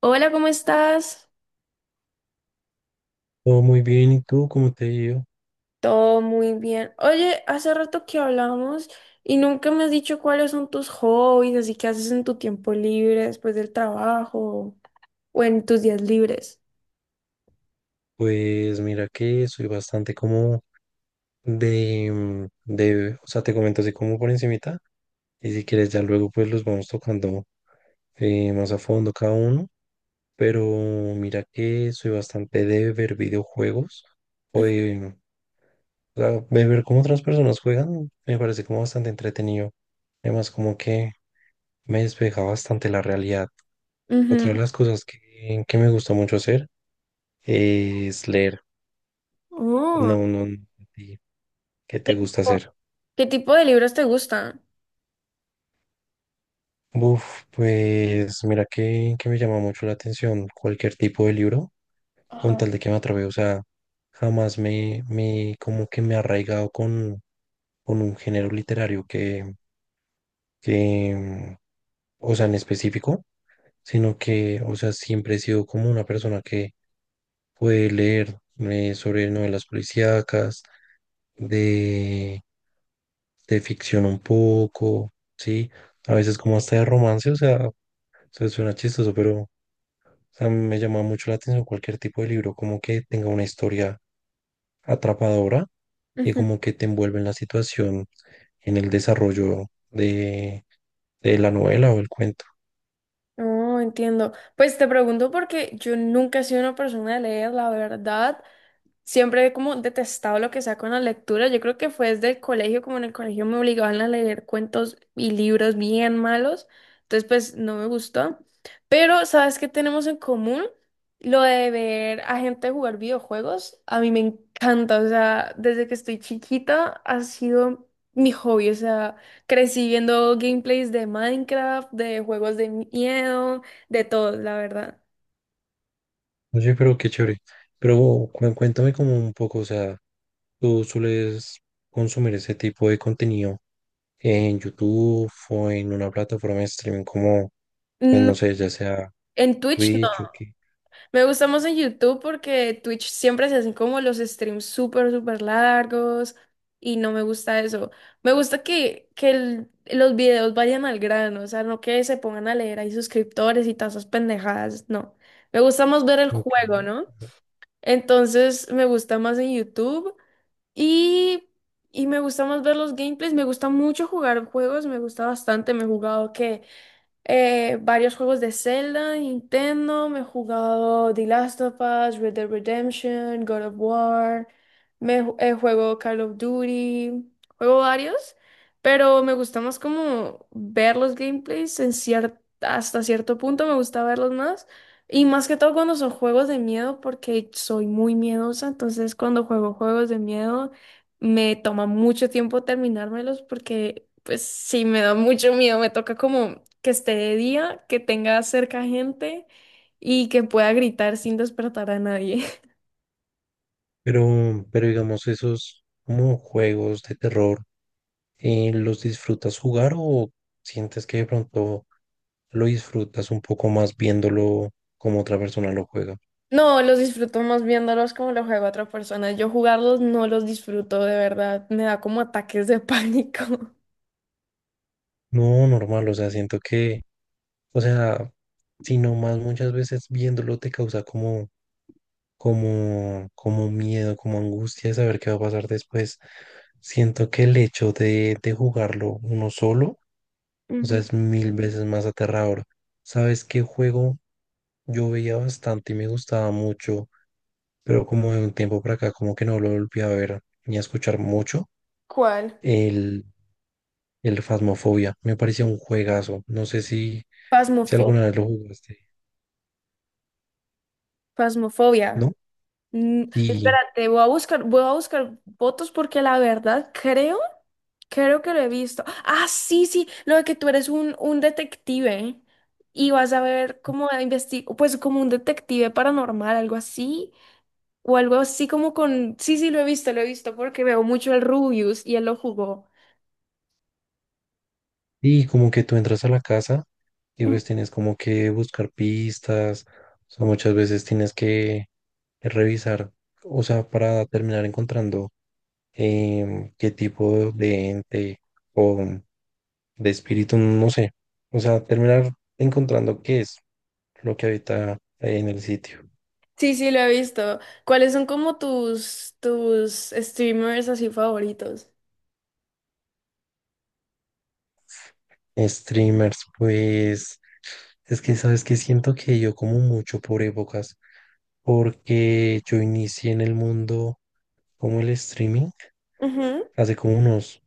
Hola, ¿cómo estás? Todo muy bien, ¿y tú cómo te ha ido? Todo muy bien. Oye, hace rato que hablamos y nunca me has dicho cuáles son tus hobbies, así que haces en tu tiempo libre después del trabajo o en tus días libres. Pues mira que soy bastante como o sea, te comento así como por encimita, y si quieres ya luego pues los vamos tocando más a fondo cada uno, pero mira que soy bastante de ver videojuegos, o de, o sea, de ver cómo otras personas juegan, me parece como bastante entretenido, además como que me despeja bastante la realidad. Ujú. Otra de las cosas que me gusta mucho hacer es leer. Oh, No, no, no. ¿a ti ¿Qué ¿qué te gusta tipo hacer? qué tipo de libros te gustan? Uf, pues mira que me llama mucho la atención cualquier tipo de libro, con Ajá. tal de que me atrape, o sea, jamás me como que me he arraigado con un género literario que, o sea, en específico, sino que, o sea, siempre he sido como una persona que puede leer sobre novelas policíacas, de, de ficción un poco, ¿sí? A veces como hasta de romance, o sea... O sea, suena chistoso, pero o sea, me llama mucho la atención cualquier tipo de libro, como que tenga una historia atrapadora y Ujú. como que te envuelve en la situación, en el desarrollo de, de la novela o el cuento. No, entiendo. Pues te pregunto porque yo nunca he sido una persona de leer, la verdad. Siempre he como detestado lo que sea con la lectura. Yo creo que fue desde el colegio, como en el colegio me obligaban a leer cuentos y libros bien malos. Entonces, pues no me gustó. Pero, ¿sabes qué tenemos en común? Lo de ver a gente jugar videojuegos. A mí me encanta. O sea, desde que estoy chiquita ha sido mi hobby. O sea, crecí viendo gameplays de Minecraft, de juegos de miedo, de todo, la verdad. Oye, pero qué chévere. Pero cuéntame como un poco, o sea, ¿tú sueles consumir ese tipo de contenido en YouTube o en una plataforma de streaming como, pues Mm, no sé, ya sea En Twitch. Twitch o qué? Me gusta más en YouTube porque Twitch siempre se hacen como los streams súper, súper largos y no me gusta eso. Me gusta que los videos vayan al grano, o sea, no que se pongan a leer ahí suscriptores y todas esas pendejadas, no. Me gusta más ver el Ok. juego, ¿no? Entonces me gusta más en YouTube y, y me gusta más ver los gameplays. Me gusta mucho jugar juegos, me gusta bastante. Me he jugado que varios juegos de Zelda, Nintendo, me he jugado The Last of Us, Red Dead Redemption, God of War, juego Call of Duty, juego varios, pero me gusta más como ver los gameplays hasta cierto punto me gusta verlos más. Y más que todo cuando son juegos de miedo, porque soy muy miedosa, entonces cuando juego juegos de miedo me toma mucho tiempo terminármelos porque pues sí, me da mucho miedo. Me toca como que esté de día, que tenga cerca gente y que pueda gritar sin despertar a nadie. Pero digamos, esos como juegos de terror, ¿los disfrutas jugar o sientes que de pronto lo disfrutas un poco más viéndolo como otra persona lo juega? No, los disfruto más viéndolos como los juega otra persona. Yo jugarlos no los disfruto de verdad. Me da como ataques de pánico. No, normal, o sea, siento que, o sea, sino más muchas veces viéndolo te causa como, como, como miedo, como angustia de saber qué va a pasar después. Siento que el hecho de jugarlo uno solo, o sea, Ujú. es mil veces más aterrador. ¿Sabes qué juego? Yo veía bastante y me gustaba mucho, pero como de un tiempo para acá, como que no lo volví a ver ni a escuchar mucho. ¿Cuál? El, el Phasmophobia me parecía un juegazo. No sé si, si alguna Pasmofobia. vez lo jugaste, Pasmofobia. ¿no? Y, Espérate, voy a buscar fotos porque la verdad creo creo que lo he visto. Ah, sí, sí, lo de que tú eres un detective y vas a ver cómo investigar, pues como un detective paranormal, algo así, o algo así como con... Sí, sí, lo he visto porque veo mucho el Rubius y él lo jugó. y como que tú entras a la casa y Ujú. pues tienes como que buscar pistas, o sea, muchas veces tienes que revisar, o sea, para terminar encontrando qué tipo de ente o de espíritu, no sé. O sea, terminar encontrando qué es lo que habita ahí en el sitio. Sí, sí, lo he visto. ¿Cuáles son como tus streamers así favoritos? Streamers, pues es que sabes que siento que yo como mucho por épocas, porque yo inicié en el mundo como el streaming Ujú, hace como unos,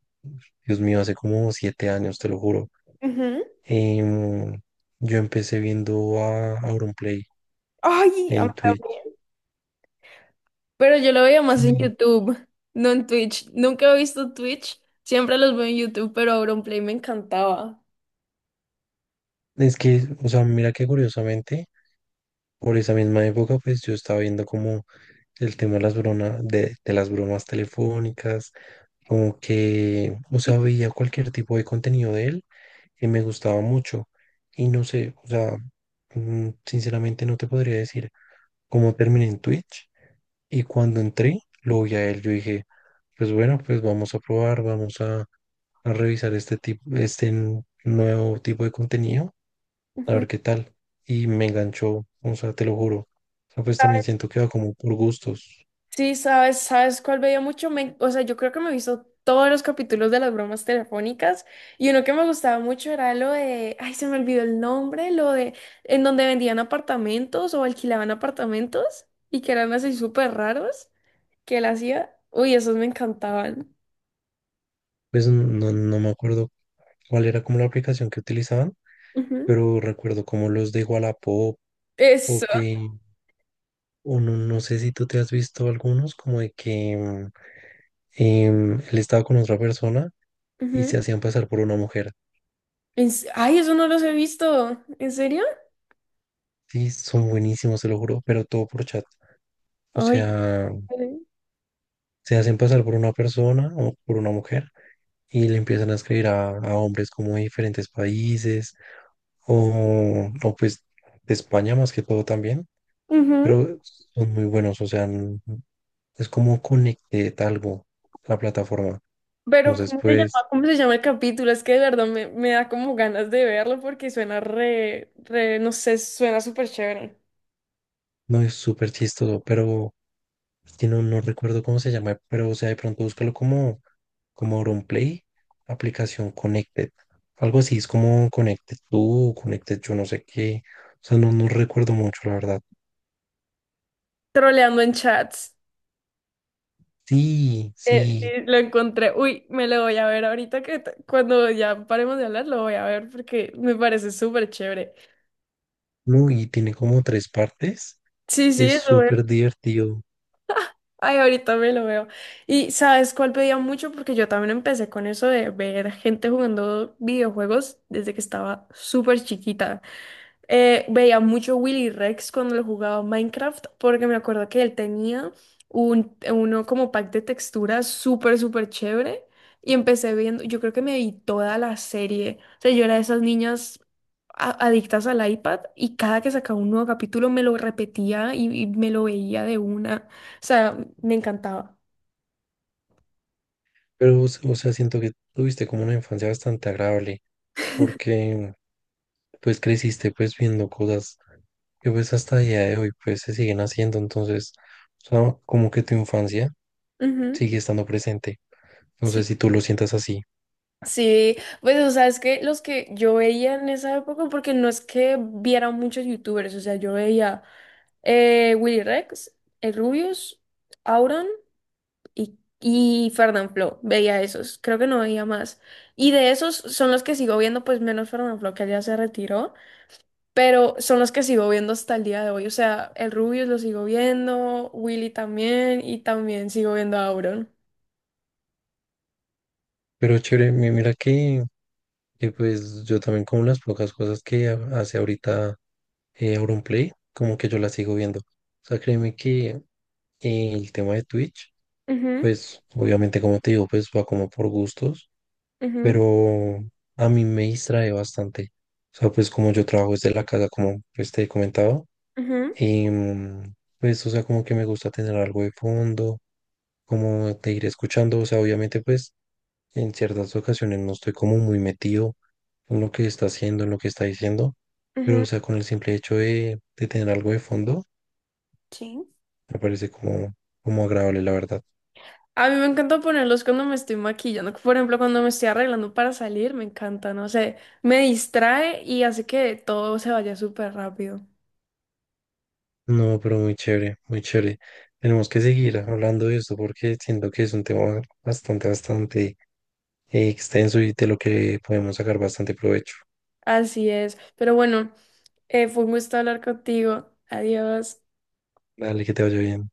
Dios mío, hace como 7 años, te lo juro. ujú. Em, yo empecé viendo a Auronplay Ay, a mí en Twitch. también. Pero yo lo veía más en Sí. YouTube, no en Twitch. Nunca he visto Twitch, siempre los veo en YouTube, pero Auronplay me encantaba. Es que, o sea, mira que curiosamente por esa misma época, pues yo estaba viendo como el tema de las bromas, de las bromas telefónicas, como que, o sea, veía cualquier tipo de contenido de él y me gustaba mucho. Y no sé, o sea, sinceramente no te podría decir cómo terminé en Twitch. Y cuando entré, lo vi a él, yo dije, pues bueno, pues vamos a probar, a revisar este tipo, nuevo tipo de contenido a Ujú. ver qué tal. Y me enganchó, o sea, te lo juro. O sea, pues también siento que va como por gustos. Sí, sabes, ¿sabes cuál veía mucho? O sea, yo creo que me he visto todos los capítulos de las bromas telefónicas y uno que me gustaba mucho era lo de, ay, se me olvidó el nombre, lo de en donde vendían apartamentos o alquilaban apartamentos y que eran así súper raros que él hacía. Uy, esos me encantaban. Pues no, no me acuerdo cuál era como la aplicación que utilizaban, Ujú. pero recuerdo como los de Wallapop Eso. o que, o no, no sé si tú te has visto algunos, como de que él estaba con otra persona y se hacían pasar por una mujer. Ay, eso no los he visto. ¿En serio? Sí, son buenísimos, te lo juro, pero todo por chat. O Ay, sea, vale. se hacen pasar por una persona o por una mujer y le empiezan a escribir a hombres como de diferentes países o pues de España más que todo también, Ujú. pero son muy buenos, o sea, es como Connected algo, la plataforma. Pero Entonces, ¿cómo se pues, llama? ¿Cómo se llama el capítulo? Es que de verdad me da como ganas de verlo porque suena re, re, no sé, suena súper chévere. no es súper chistoso, pero es que no, no recuerdo cómo se llama, pero o sea, de pronto búscalo como, como AuronPlay, aplicación Connected. Algo así, es como Connected tú, Connected yo no sé qué. O sea, no, no recuerdo mucho, la verdad. Troleando en chats. Sí, Sí, sí. lo encontré. Uy, me lo voy a ver ahorita que cuando ya paremos de hablar lo voy a ver porque me parece súper chévere. No, y tiene como tres partes. Sí, sí, Es eso. súper divertido. Ay, ahorita me lo veo. ¿Y sabes cuál pedía mucho? Porque yo también empecé con eso de ver gente jugando videojuegos desde que estaba súper chiquita. Veía mucho Willy Rex cuando lo jugaba a Minecraft porque me acuerdo que él tenía uno como pack de texturas súper, súper chévere y empecé viendo, yo creo que me vi toda la serie. O sea, yo era de esas niñas adictas al iPad y cada que sacaba un nuevo capítulo me lo repetía y me lo veía de una. O sea, me encantaba. Pero, o sea, siento que tuviste como una infancia bastante agradable, porque pues creciste pues viendo cosas que pues hasta el día de hoy pues se siguen haciendo. Entonces, o sea, como que tu infancia Ujú. sigue estando presente. No sé si tú lo sientas así, Sí, pues o sea, es que los que yo veía en esa época, porque no es que viera muchos youtubers, o sea, yo veía Willy Rex, el Rubius, Auron y Fernanfloo, veía esos, creo que no veía más. Y de esos son los que sigo viendo, pues menos Fernanfloo, que ya se retiró, pero son los que sigo viendo hasta el día de hoy, o sea, el Rubius lo sigo viendo, Willy también, y también sigo viendo a Auron. pero chévere, mira que pues yo también con las pocas cosas que hace ahorita Auronplay, como que yo las sigo viendo. O sea, créeme que el tema de Twitch, Ujú, pues obviamente como te digo, pues va como por gustos, ujú, pero a mí me distrae bastante. O sea, pues como yo trabajo desde la casa, como pues te he comentado, ujú, pues o sea, como que me gusta tener algo de fondo, como te iré escuchando, o sea, obviamente pues en ciertas ocasiones no estoy como muy metido en lo que está haciendo, en lo que está diciendo, pero ujú. o sea, con el simple hecho de tener algo de fondo, Sí. me parece como, como agradable, la verdad. A mí me encanta ponerlos cuando me estoy maquillando. Por ejemplo, cuando me estoy arreglando para salir, me encanta, no sé, me distrae y hace que todo se vaya súper rápido. No, pero muy chévere, muy chévere. Tenemos que seguir hablando de esto porque siento que es un tema bastante, bastante extenso y de lo que podemos sacar bastante provecho. Así es. Pero bueno, fue un gusto hablar contigo. Adiós. Dale, que te vaya bien.